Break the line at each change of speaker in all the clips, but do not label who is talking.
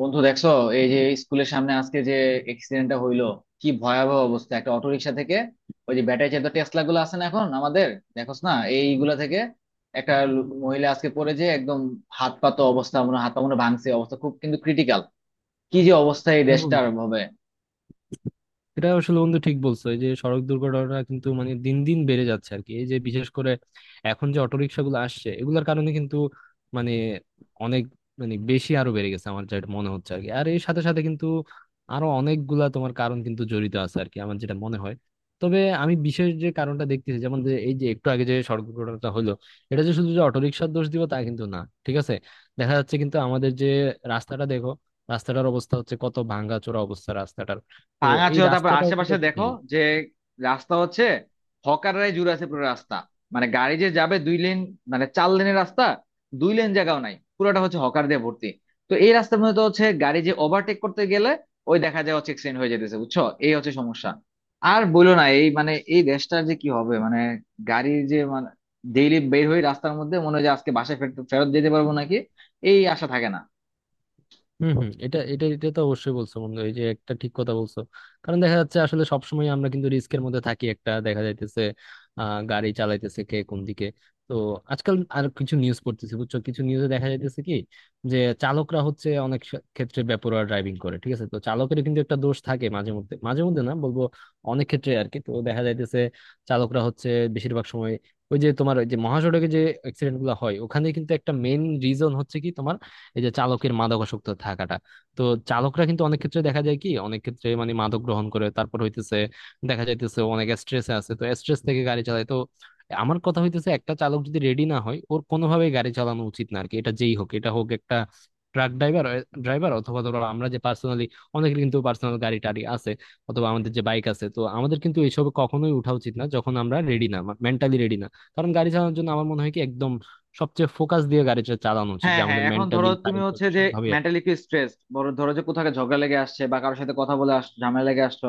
বন্ধু, দেখছো? এই যে স্কুলের সামনে আজকে যে এক্সিডেন্টটা হইলো, কি ভয়াবহ অবস্থা! একটা অটোরিকশা থেকে, ওই যে ব্যাটারি চালিত টেসলা গুলো আছে না এখন আমাদের, দেখোস না এইগুলা থেকে একটা মহিলা আজকে পড়ে যে, একদম হাত পা মনে হয় ভাঙছে, অবস্থা খুব কিন্তু ক্রিটিক্যাল। কি যে অবস্থা এই
এবং
দেশটার হবে!
এটা আসলে বন্ধু ঠিক বলছো। এই যে সড়ক দুর্ঘটনা কিন্তু মানে দিন দিন বেড়ে যাচ্ছে আর কি। এই যে বিশেষ করে এখন যে অটোরিকশা গুলো আসছে এগুলোর কারণে কিন্তু মানে অনেক মানে বেশি আরো বেড়ে গেছে আমার যেটা মনে হচ্ছে আর কি। আর এর সাথে সাথে কিন্তু আরো অনেকগুলা তোমার কারণ কিন্তু জড়িত আছে আর কি আমার যেটা মনে হয়। তবে আমি বিশেষ যে কারণটা দেখতেছি যেমন যে এই যে একটু আগে যে সড়ক দুর্ঘটনাটা হলো, এটা যে শুধু যে অটোরিকশার দোষ দিব তা কিন্তু না, ঠিক আছে। দেখা যাচ্ছে কিন্তু আমাদের যে রাস্তাটা দেখো, রাস্তাটার অবস্থা হচ্ছে কত ভাঙা চোরা অবস্থা। তো এই
ভাঙাচোরা, তারপর
রাস্তাটাও কিন্তু
আশেপাশে
একটু
দেখো
চাই।
যে রাস্তা হচ্ছে হকাররাই জুড়ে আছে পুরো রাস্তা। মানে গাড়ি যে যাবে 2 লেন, মানে 4 লেনের রাস্তা, 2 লেন জায়গাও নাই, পুরোটা হচ্ছে হকার দিয়ে ভর্তি। তো এই রাস্তার মধ্যে তো হচ্ছে গাড়ি যে ওভারটেক করতে গেলে ওই দেখা যায় হচ্ছে এক্সিডেন্ট হয়ে যেতেছে, বুঝছো? এই হচ্ছে সমস্যা। আর বইলো না, এই মানে এই দেশটার যে কি হবে, মানে গাড়ির যে, মানে ডেইলি বের হয়ে রাস্তার মধ্যে মনে হয় যে আজকে বাসায় ফেরত ফেরত যেতে পারবো নাকি, এই আশা থাকে না।
হম, হম, এটা এটা এটা তো অবশ্যই বলছো বন্ধু, এই যে একটা ঠিক কথা বলছো। কারণ দেখা যাচ্ছে আসলে সবসময় আমরা কিন্তু রিস্কের মধ্যে থাকি, একটা দেখা যাইতেছে গাড়ি চালাইতেছে কে কোন দিকে। তো আজকাল আর কিছু নিউজ পড়তেছি বুঝছো, কিছু নিউজে দেখা যাইতেছে কি যে চালকরা হচ্ছে অনেক ক্ষেত্রে বেপরোয়া ড্রাইভিং করে, ঠিক আছে। তো চালকের কিন্তু একটা দোষ থাকে মাঝে মধ্যে না বলবো অনেক ক্ষেত্রে আর কি। তো দেখা যাইতেছে চালকরা হচ্ছে বেশিরভাগ সময় ওই যে তোমার ওই যে মহাসড়কে যে অ্যাক্সিডেন্ট গুলো হয় ওখানে কিন্তু একটা মেইন রিজন হচ্ছে কি তোমার এই যে চালকের মাদকাসক্ত থাকাটা। তো চালকরা কিন্তু অনেক ক্ষেত্রে দেখা যায় কি, অনেক ক্ষেত্রে মানে মাদক গ্রহণ করে তারপর হইতেছে, দেখা যাইতেছে অনেক স্ট্রেসে আছে, তো স্ট্রেস থেকে গাড়ি চালায়। তো আমার কথা হইতেছে একটা চালক যদি রেডি না হয় ওর কোনোভাবেই গাড়ি চালানো উচিত না আর কি। এটা যেই হোক, এটা হোক একটা ট্রাক ড্রাইভার ড্রাইভার অথবা ধরো আমরা যে পার্সোনালি, অনেকের কিন্তু পার্সোনাল গাড়ি টাড়ি আছে অথবা আমাদের যে বাইক আছে, তো আমাদের কিন্তু এইসব কখনোই উঠা উচিত না যখন আমরা রেডি না, মেন্টালি রেডি না। কারণ গাড়ি চালানোর জন্য আমার মনে হয় কি একদম সবচেয়ে ফোকাস দিয়ে গাড়িটা চালানো উচিত, যে
হ্যাঁ হ্যাঁ,
আমাদের
এখন ধরো
মেন্টালি,
তুমি
শারীরিক
হচ্ছে যে
সবভাবে আর
মেন্টালি একটু স্ট্রেস, বড় ধরো যে কোথাও একটা ঝগড়া লেগে আসছে বা কারোর সাথে কথা বলে আস, ঝামেলা লেগে আসছো,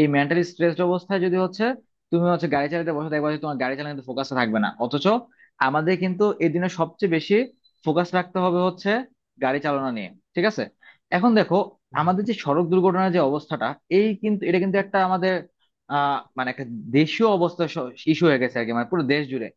এই মেন্টালি স্ট্রেসড অবস্থায় যদি হচ্ছে তুমি হচ্ছে গাড়ি চালাতে বসে, দেখবা যে তোমার গাড়ি চালানোর ফোকাসে থাকবে না। অথচ আমাদের কিন্তু এই দিনে সবচেয়ে বেশি ফোকাস রাখতে হবে হচ্ছে গাড়ি চালানো নিয়ে, ঠিক আছে? এখন দেখো
কি।
আমাদের যে সড়ক দুর্ঘটনার যে অবস্থাটা, এই কিন্তু এটা কিন্তু একটা আমাদের মানে একটা দেশীয় অবস্থা, ইস্যু হয়ে গেছে আর কি, মানে পুরো দেশ জুড়ে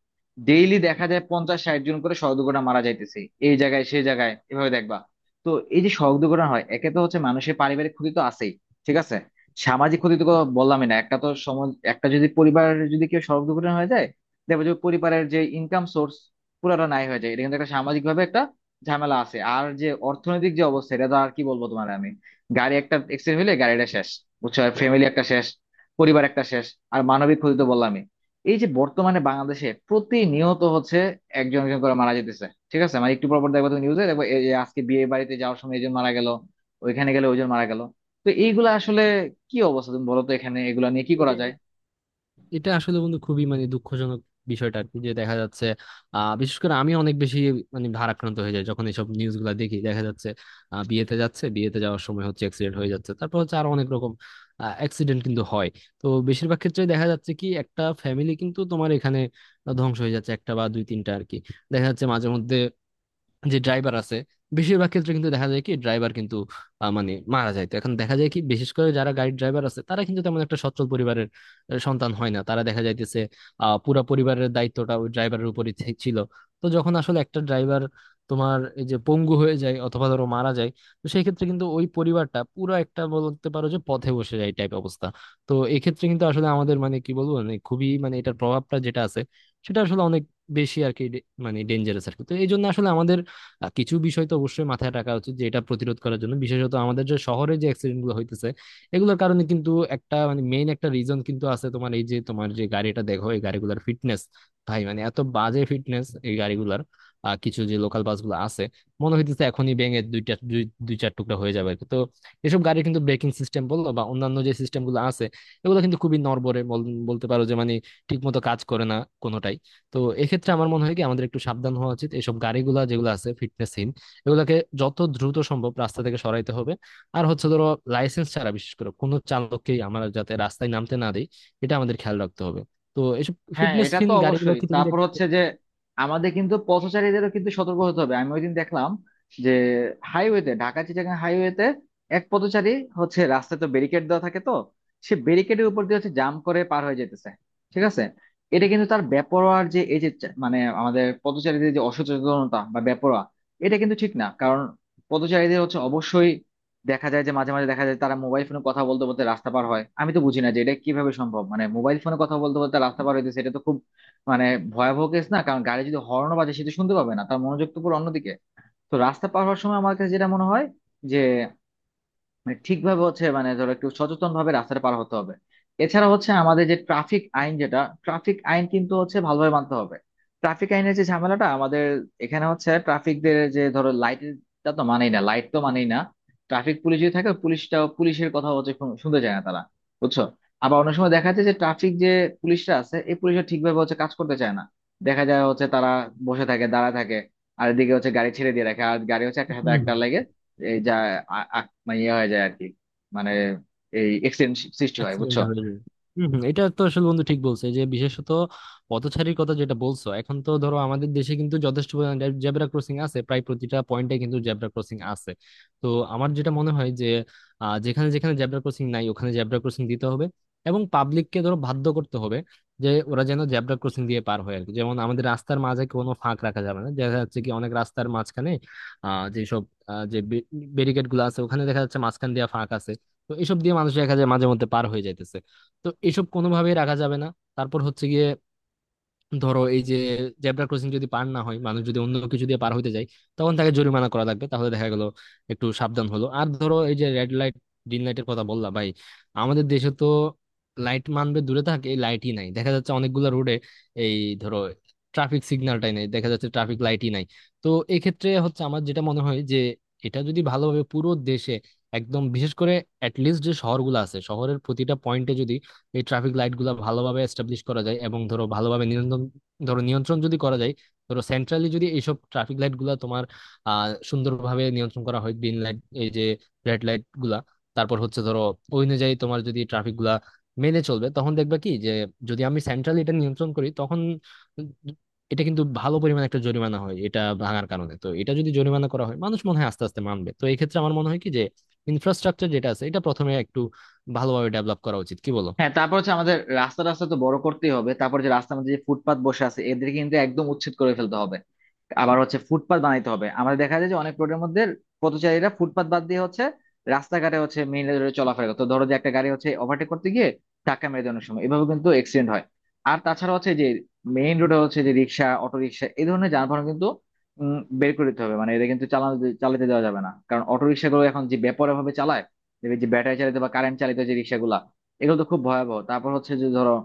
ডেইলি দেখা যায় 50-60 জন করে সড়ক দুর্ঘটনা মারা যাইতেছে, এই জায়গায় সেই জায়গায়, এভাবে দেখবা। তো এই যে সড়ক দুর্ঘটনা হয়, একে তো হচ্ছে মানুষের পারিবারিক ক্ষতি তো আছেই, ঠিক আছে? সামাজিক ক্ষতি তো কোনো বললামই না, একটা তো সমাজ, একটা যদি পরিবার, যদি কেউ সড়ক দুর্ঘটনা হয়ে যায়, দেখবে যে পরিবারের যে ইনকাম সোর্স পুরোটা নাই হয়ে যায়, এটা কিন্তু একটা সামাজিক ভাবে একটা ঝামেলা আছে। আর যে অর্থনৈতিক যে অবস্থা, এটা তো আর কি বলবো তোমার আমি, গাড়ি একটা এক্সিডেন্ট হলে গাড়িটা শেষ, বুঝছো? ফ্যামিলি একটা শেষ, পরিবার একটা শেষ। আর মানবিক ক্ষতি তো বললামই। এই যে বর্তমানে বাংলাদেশে প্রতিনিয়ত হচ্ছে একজন একজন করে মারা যেতেছে, ঠিক আছে? মানে একটু পর পর দেখবা তুমি নিউজে দেখবা, এই যে আজকে বিয়ে বাড়িতে যাওয়ার সময় একজন মারা গেল, ওইখানে গেলে ওইজন মারা গেল। তো এইগুলা আসলে কি অবস্থা, তুমি বলো তো, এখানে এগুলা নিয়ে কি করা
এটা
যায়?
এটা আসলে বন্ধু খুবই মানে দুঃখজনক বিষয়টা আর কি, যে দেখা যাচ্ছে বিশেষ করে আমি অনেক বেশি মানে ভারাক্রান্ত হয়ে যায় যখন এইসব নিউজ গুলা দেখি। দেখা যাচ্ছে বিয়েতে যাচ্ছে, বিয়েতে যাওয়ার সময় হচ্ছে অ্যাক্সিডেন্ট হয়ে যাচ্ছে, তারপর হচ্ছে আরো অনেক রকম অ্যাক্সিডেন্ট কিন্তু হয়। তো বেশিরভাগ ক্ষেত্রে দেখা যাচ্ছে কি একটা ফ্যামিলি কিন্তু তোমার এখানে ধ্বংস হয়ে যাচ্ছে, একটা বা দুই তিনটা আর কি। দেখা যাচ্ছে মাঝে মধ্যে যে ড্রাইভার আছে বেশিরভাগ ক্ষেত্রে কিন্তু দেখা যায় কি ড্রাইভার কিন্তু মানে মারা যায়। তো এখন দেখা যায় কি বিশেষ করে যারা গাড়ি ড্রাইভার আছে তারা কিন্তু তেমন একটা সচ্ছল পরিবারের সন্তান হয় না, তারা দেখা যাইতেছে পুরা পরিবারের দায়িত্বটা ওই ড্রাইভারের উপরই ছিল। তো যখন আসলে একটা ড্রাইভার তোমার এই যে পঙ্গু হয়ে যায় অথবা ধরো মারা যায়, তো সেই ক্ষেত্রে কিন্তু ওই পরিবারটা পুরো, একটা বলতে পারো যে পথে বসে যায় টাইপ অবস্থা। তো এক্ষেত্রে কিন্তু আসলে আমাদের মানে কি বলবো, মানে খুবই মানে এটার প্রভাবটা যেটা আছে সেটা আসলে অনেক বেশি আর কি, মানে ডেঞ্জারাস আর কি। তো এই জন্য আসলে আমাদের কিছু বিষয় তো অবশ্যই মাথায় রাখা উচিত যে এটা প্রতিরোধ করার জন্য। বিশেষত আমাদের যে শহরে যে অ্যাক্সিডেন্ট গুলো হইতেছে এগুলোর কারণে কিন্তু একটা মানে মেইন একটা রিজন কিন্তু আছে তোমার, এই যে তোমার যে গাড়িটা দেখো এই গাড়িগুলোর ফিটনেস, ভাই মানে এত বাজে ফিটনেস এই গাড়িগুলোর। কিছু যে লোকাল বাসগুলো আছে মনে হইতেছে এখনই ভেঙে দুইটা দুই দুই চার টুকরা হয়ে যাবে আর কি। তো এসব গাড়ির কিন্তু ব্রেকিং সিস্টেম বলো বা অন্যান্য যে সিস্টেম গুলো আছে এগুলো কিন্তু খুবই নড়বড়ে, বলতে পারো যে মানে ঠিক মতো কাজ করে না কোনোটাই। তো এক্ষেত্রে আমার মনে হয় কি আমাদের একটু সাবধান হওয়া উচিত, এইসব গাড়িগুলা যেগুলো আছে ফিটনেসহীন এগুলাকে যত দ্রুত সম্ভব রাস্তা থেকে সরাইতে হবে। আর হচ্ছে ধরো লাইসেন্স ছাড়া বিশেষ করে কোনো চালককেই আমরা যাতে রাস্তায় নামতে না দেই, এটা আমাদের খেয়াল রাখতে হবে। তো এইসব
হ্যাঁ, এটা তো
ফিটনেসহীন গাড়িগুলো
অবশ্যই।
কি তুমি
তারপর
দেখতে
হচ্ছে যে আমাদের কিন্তু পথচারীদেরও কিন্তু সতর্ক হতে হবে। আমি ওইদিন দেখলাম যে হাইওয়েতে, ঢাকা চিটাগাং হাইওয়েতে এক পথচারী হচ্ছে রাস্তায় তো ব্যারিকেড দেওয়া থাকে তো সে ব্যারিকেডের উপর দিয়ে হচ্ছে জাম্প করে পার হয়ে যেতেছে, ঠিক আছে? এটা কিন্তু তার বেপরোয়ার যে এই যে মানে আমাদের পথচারীদের যে অসচেতনতা বা বেপরোয়া, এটা কিন্তু ঠিক না। কারণ পথচারীদের হচ্ছে অবশ্যই দেখা যায় যে মাঝে মাঝে দেখা যায় তারা মোবাইল ফোনে কথা বলতে বলতে রাস্তা পার হয়, আমি তো বুঝি না যে এটা কিভাবে সম্ভব, মানে মোবাইল ফোনে কথা বলতে বলতে রাস্তা পার হইতেছে, এটা তো খুব মানে ভয়াবহ কেস না? কারণ গাড়ি যদি হর্ন বাজে সেটা শুনতে পাবে না, তার মনোযোগ তো পুরো অন্যদিকে। তো রাস্তা পার হওয়ার সময় আমার কাছে যেটা মনে হয় যে মানে ঠিকভাবে হচ্ছে, মানে ধরো একটু সচেতন ভাবে রাস্তাটা পার হতে হবে। এছাড়া হচ্ছে আমাদের যে ট্রাফিক আইন যেটা, ট্রাফিক আইন কিন্তু হচ্ছে ভালোভাবে মানতে হবে। ট্রাফিক আইনের যে ঝামেলাটা আমাদের এখানে হচ্ছে, ট্রাফিকদের যে ধরো লাইটটা তো মানেই না, লাইট তো মানেই না। ট্রাফিক পুলিশ যদি থাকে, পুলিশটা, পুলিশের কথা হচ্ছে শুনতে চায় না তারা, বুঝছো? আবার অনেক সময় দেখা যায় যে ট্রাফিক যে পুলিশরা আছে, এই পুলিশরা ঠিকভাবে হচ্ছে কাজ করতে চায় না, দেখা যায় হচ্ছে তারা বসে থাকে, দাঁড়া থাকে, আর এদিকে হচ্ছে গাড়ি ছেড়ে দিয়ে রাখে আর গাড়ি হচ্ছে একটা সাথে
হম
একটা লাগে, এই যা, মানে ইয়ে হয়ে যায় আর কি, মানে এই এক্সিডেন্ট সৃষ্টি হয়,
অ্যাক্সিডেন্ট
বুঝছো?
হয়ে যায়। হম, হম, এটা তো আসলে বন্ধু ঠিক বলছে যে বিশেষত পথচারীর কথা যেটা বলছো। এখন তো ধরো আমাদের দেশে কিন্তু যথেষ্ট জেব্রা ক্রসিং আছে, প্রায় প্রতিটা পয়েন্টে কিন্তু জেব্রা ক্রসিং আছে। তো আমার যেটা মনে হয় যে যেখানে যেখানে জেব্রা ক্রসিং নাই ওখানে জেব্রা ক্রসিং দিতে হবে এবং পাবলিককে ধরো বাধ্য করতে হবে যে ওরা যেন জেব্রা ক্রসিং দিয়ে পার হয় আর কি। যেমন আমাদের রাস্তার মাঝে কোনো ফাঁক রাখা যাবে না, দেখা যাচ্ছে কি অনেক রাস্তার মাঝখানে আহ যেসব যে ব্যারিকেড গুলো আছে ওখানে দেখা যাচ্ছে মাঝখান দিয়ে ফাঁক আছে। তো এসব দিয়ে মানুষ দেখা যায় মাঝে মধ্যে পার হয়ে যাইতেছে, তো এসব কোনোভাবেই রাখা যাবে না। তারপর হচ্ছে গিয়ে ধরো এই যে জেব্রা ক্রসিং যদি পার না হয় মানুষ, যদি অন্য কিছু দিয়ে পার হইতে যায় তখন তাকে জরিমানা করা লাগবে, তাহলে দেখা গেল একটু সাবধান হলো। আর ধরো এই যে রেড লাইট, গ্রিন লাইটের কথা বললাম, ভাই আমাদের দেশে তো লাইট মানবে দূরে থাকে, এই লাইটই নাই দেখা যাচ্ছে অনেকগুলা রোডে, এই ধরো ট্রাফিক সিগন্যালটাই নাই দেখা যাচ্ছে, ট্রাফিক লাইটই নাই। তো এক্ষেত্রে হচ্ছে আমার যেটা মনে হয় যে এটা যদি ভালোভাবে পুরো দেশে একদম বিশেষ করে অ্যাটলিস্ট যে শহরগুলো আছে শহরের প্রতিটা পয়েন্টে যদি এই ট্রাফিক লাইট গুলা ভালোভাবে এস্টাবলিশ করা যায় এবং ধরো ভালোভাবে নিয়ন্ত্রণ, ধরো নিয়ন্ত্রণ যদি করা যায়, ধরো সেন্ট্রালি যদি এইসব ট্রাফিক লাইট গুলা তোমার সুন্দরভাবে নিয়ন্ত্রণ করা হয় গ্রিন লাইট এই যে রেড লাইট গুলা, তারপর হচ্ছে ধরো ওই অনুযায়ী তোমার যদি ট্রাফিক গুলা মেনে চলবে, তখন দেখবা কি যে যদি আমি সেন্ট্রালি এটা নিয়ন্ত্রণ করি তখন এটা কিন্তু ভালো পরিমাণ একটা জরিমানা হয় এটা ভাঙার কারণে। তো এটা যদি জরিমানা করা হয় মানুষ মনে হয় আস্তে আস্তে মানবে। তো এই ক্ষেত্রে আমার মনে হয় কি যে ইনফ্রাস্ট্রাকচার যেটা আছে এটা প্রথমে একটু ভালোভাবে ডেভেলপ করা উচিত, কি বলো?
হ্যাঁ, তারপর হচ্ছে আমাদের রাস্তা রাস্তা তো বড় করতেই হবে। তারপর যে রাস্তার মধ্যে যে ফুটপাত বসে আছে এদের কিন্তু একদম উচ্ছেদ করে ফেলতে হবে, আবার হচ্ছে ফুটপাত বানাইতে হবে। আমাদের দেখা যায় যে অনেক রোডের মধ্যে পথচারীরা ফুটপাত বাদ দিয়ে হচ্ছে রাস্তাঘাটে হচ্ছে মেইন রোডে চলাফেরা করে, তো ধরো যে একটা গাড়ি হচ্ছে ওভারটেক করতে গিয়ে ধাক্কা মেরে দেয়, অনেক সময় এভাবে কিন্তু অ্যাক্সিডেন্ট হয়। আর তাছাড়া হচ্ছে যে মেইন রোডে হচ্ছে যে রিক্সা, অটো রিক্সা, এই ধরনের যানবাহন কিন্তু বের করে দিতে হবে, মানে এদের কিন্তু চালানো, চালাতে দেওয়া যাবে না, কারণ অটো রিক্সাগুলো এখন যে বেপরোয়া ভাবে চালায়, দেখবে যে ব্যাটারি চালিত বা কারেন্ট চালিত যে রিক্সাগুলা, এগুলো তো খুব ভয়াবহ। তারপর হচ্ছে যে ধরো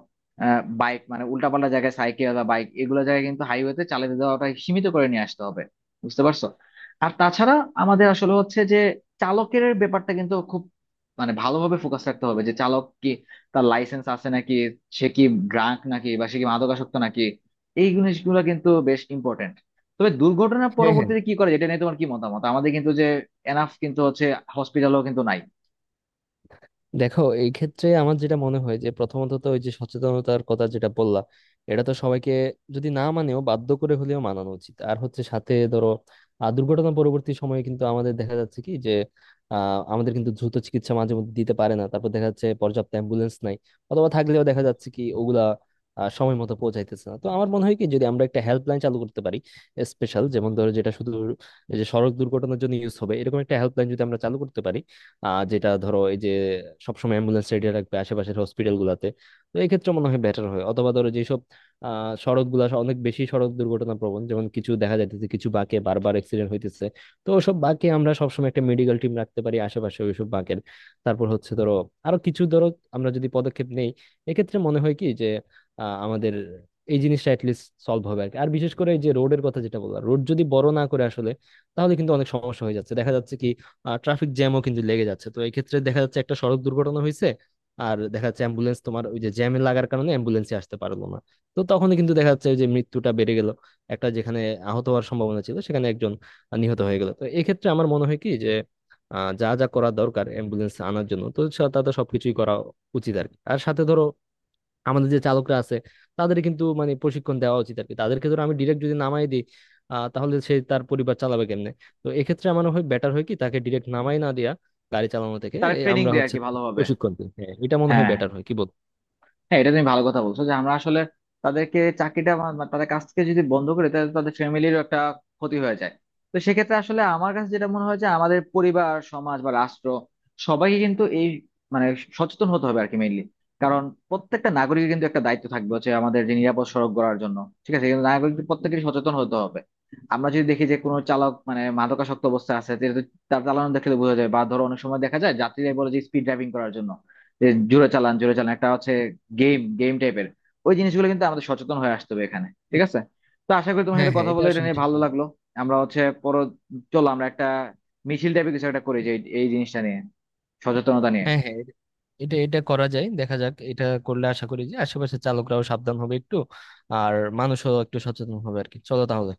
বাইক, মানে উল্টাপাল্টা জায়গায় সাইকেল বা বাইক এগুলো জায়গায় কিন্তু, হাইওয়েতে চালাতে দেওয়াটা সীমিত করে নিয়ে আসতে হবে, বুঝতে পারছো? আর তাছাড়া আমাদের আসলে হচ্ছে যে চালকের ব্যাপারটা কিন্তু খুব মানে ভালোভাবে ফোকাস রাখতে হবে, যে চালক কি তার লাইসেন্স আছে নাকি, সে কি ড্রাঙ্ক নাকি, বা সে কি মাদকাসক্ত নাকি, এই জিনিসগুলো কিন্তু বেশ ইম্পর্টেন্ট। তবে দুর্ঘটনার
হ্যাঁ, হ্যাঁ,
পরবর্তীতে কি করে, যেটা নিয়ে তোমার কি মতামত? আমাদের কিন্তু যে এনাফ কিন্তু হচ্ছে হসপিটালও কিন্তু নাই।
দেখো এই ক্ষেত্রে আমার যেটা মনে হয় যে প্রথমত তো ওই যে সচেতনতার কথা যেটা বললাম এটা তো সবাইকে যদি না মানেও বাধ্য করে হলেও মানানো উচিত। আর হচ্ছে সাথে ধরো দুর্ঘটনা পরবর্তী সময়ে কিন্তু আমাদের দেখা যাচ্ছে কি যে আমাদের কিন্তু দ্রুত চিকিৎসা মাঝে মধ্যে দিতে পারে না, তারপর দেখা যাচ্ছে পর্যাপ্ত অ্যাম্বুলেন্স নাই অথবা থাকলেও দেখা যাচ্ছে কি ওগুলা সময় মতো পৌঁছাইতেছে না। তো আমার মনে হয় কি যদি আমরা একটা হেল্পলাইন চালু করতে পারি স্পেশাল, যেমন ধরো যেটা শুধু এই যে সড়ক দুর্ঘটনার জন্য ইউজ হবে, এরকম একটা হেল্পলাইন যদি আমরা চালু করতে পারি যেটা ধরো এই যে সবসময় অ্যাম্বুলেন্স রেডি রাখবে আশেপাশের হসপিটাল গুলাতে, তো এই ক্ষেত্রে মনে হয় বেটার হয়। অথবা ধরো যেসব আহ সড়ক গুলা অনেক বেশি সড়ক দুর্ঘটনা প্রবণ, যেমন কিছু দেখা যাইতেছে কিছু বাঁকে বারবার অ্যাক্সিডেন্ট হইতেছে, তো ওসব বাঁকে আমরা সবসময় একটা মেডিকেল টিম রাখতে পারি আশেপাশে ওইসব বাঁকের। তারপর হচ্ছে ধরো আরো কিছু ধরো আমরা যদি পদক্ষেপ নেই এক্ষেত্রে মনে হয় কি যে আমাদের এই জিনিসটা লিস্ট সলভ হবে আর কি। আর বিশেষ করে এই যে রোডের কথা যেটা বললাম, রোড যদি বড় না করে আসলে, তাহলে কিন্তু অনেক সমস্যা হয়ে যাচ্ছে, দেখা যাচ্ছে কি ট্রাফিক জ্যামও কিন্তু লেগে যাচ্ছে। তো এই ক্ষেত্রে দেখা যাচ্ছে একটা সড়ক দুর্ঘটনা হয়েছে আর দেখা যাচ্ছে অ্যাম্বুলেন্স তোমার ওই যে জ্যামে লাগার কারণে অ্যাম্বুলেন্সে আসতে পারলো না। তো তখনই কিন্তু দেখা যাচ্ছে ওই যে মৃত্যুটা বেড়ে গেল, একটা যেখানে আহত হওয়ার সম্ভাবনা ছিল সেখানে একজন নিহত হয়ে গেল। তো এক্ষেত্রে আমার মনে হয় কি যে যা যা করা দরকার অ্যাম্বুলেন্স আনার জন্য তো তাদের সবকিছুই করা উচিত আর কি। আর সাথে ধরো আমাদের যে চালকরা আছে তাদের কিন্তু মানে প্রশিক্ষণ দেওয়া উচিত আর কি, তাদেরকে ধরো আমি ডিরেক্ট যদি নামাই দিই তাহলে সে তার পরিবার চালাবে কেমনে। তো এক্ষেত্রে আমার হয় বেটার হয় কি তাকে ডিরেক্ট নামাই না দেয়া গাড়ি চালানো থেকে,
তারা
এই
ট্রেনিং
আমরা
দেয় আর
হচ্ছে
কি,
তাকে
ভালোভাবে।
প্রশিক্ষণ দিই, হ্যাঁ এটা মনে হয়
হ্যাঁ
বেটার হয়, কি বল?
হ্যাঁ, এটা তুমি ভালো কথা বলছো যে আমরা আসলে তাদেরকে চাকরিটা বা তাদের কাছ থেকে যদি বন্ধ করে, তাহলে তাদের ফ্যামিলিরও একটা ক্ষতি হয়ে যায়। তো সেক্ষেত্রে আসলে আমার কাছে যেটা মনে হয় যে আমাদের পরিবার, সমাজ বা রাষ্ট্র, সবাইকে কিন্তু এই মানে সচেতন হতে হবে আর কি, মেইনলি। কারণ প্রত্যেকটা নাগরিকের কিন্তু একটা দায়িত্ব থাকবে হচ্ছে আমাদের যে নিরাপদ সড়ক গড়ার জন্য, ঠিক আছে? কিন্তু নাগরিকদের প্রত্যেকেরই সচেতন হতে হবে। আমরা যদি দেখি যে কোনো চালক মানে মাদকাসক্ত অবস্থায় আছে, যেহেতু তার চালানো দেখলে বোঝা যায়, বা ধরো অনেক সময় দেখা যায় যাত্রীরা বলে যে স্পিড ড্রাইভিং করার জন্য যে জোরে চালান জোরে চালান, একটা হচ্ছে গেম গেম টাইপের, ওই জিনিসগুলো কিন্তু আমাদের সচেতন হয়ে আসতে হবে এখানে, ঠিক আছে? তো আশা করি তোমার
হ্যাঁ,
সাথে
হ্যাঁ,
কথা
এটা
বলে এটা
আসলে
নিয়ে
ঠিক
ভালো
বলছো।
লাগলো। আমরা হচ্ছে পর, চলো আমরা একটা মিছিল টাইপের কিছু একটা করি যে এই এই জিনিসটা নিয়ে, সচেতনতা
হ্যাঁ,
নিয়ে।
হ্যাঁ, এটা এটা এটা করা যায়, দেখা যাক এটা করলে আশা করি যে আশেপাশের চালকরাও সাবধান হবে একটু আর মানুষও একটু সচেতন হবে আর কি। চলো তাহলে।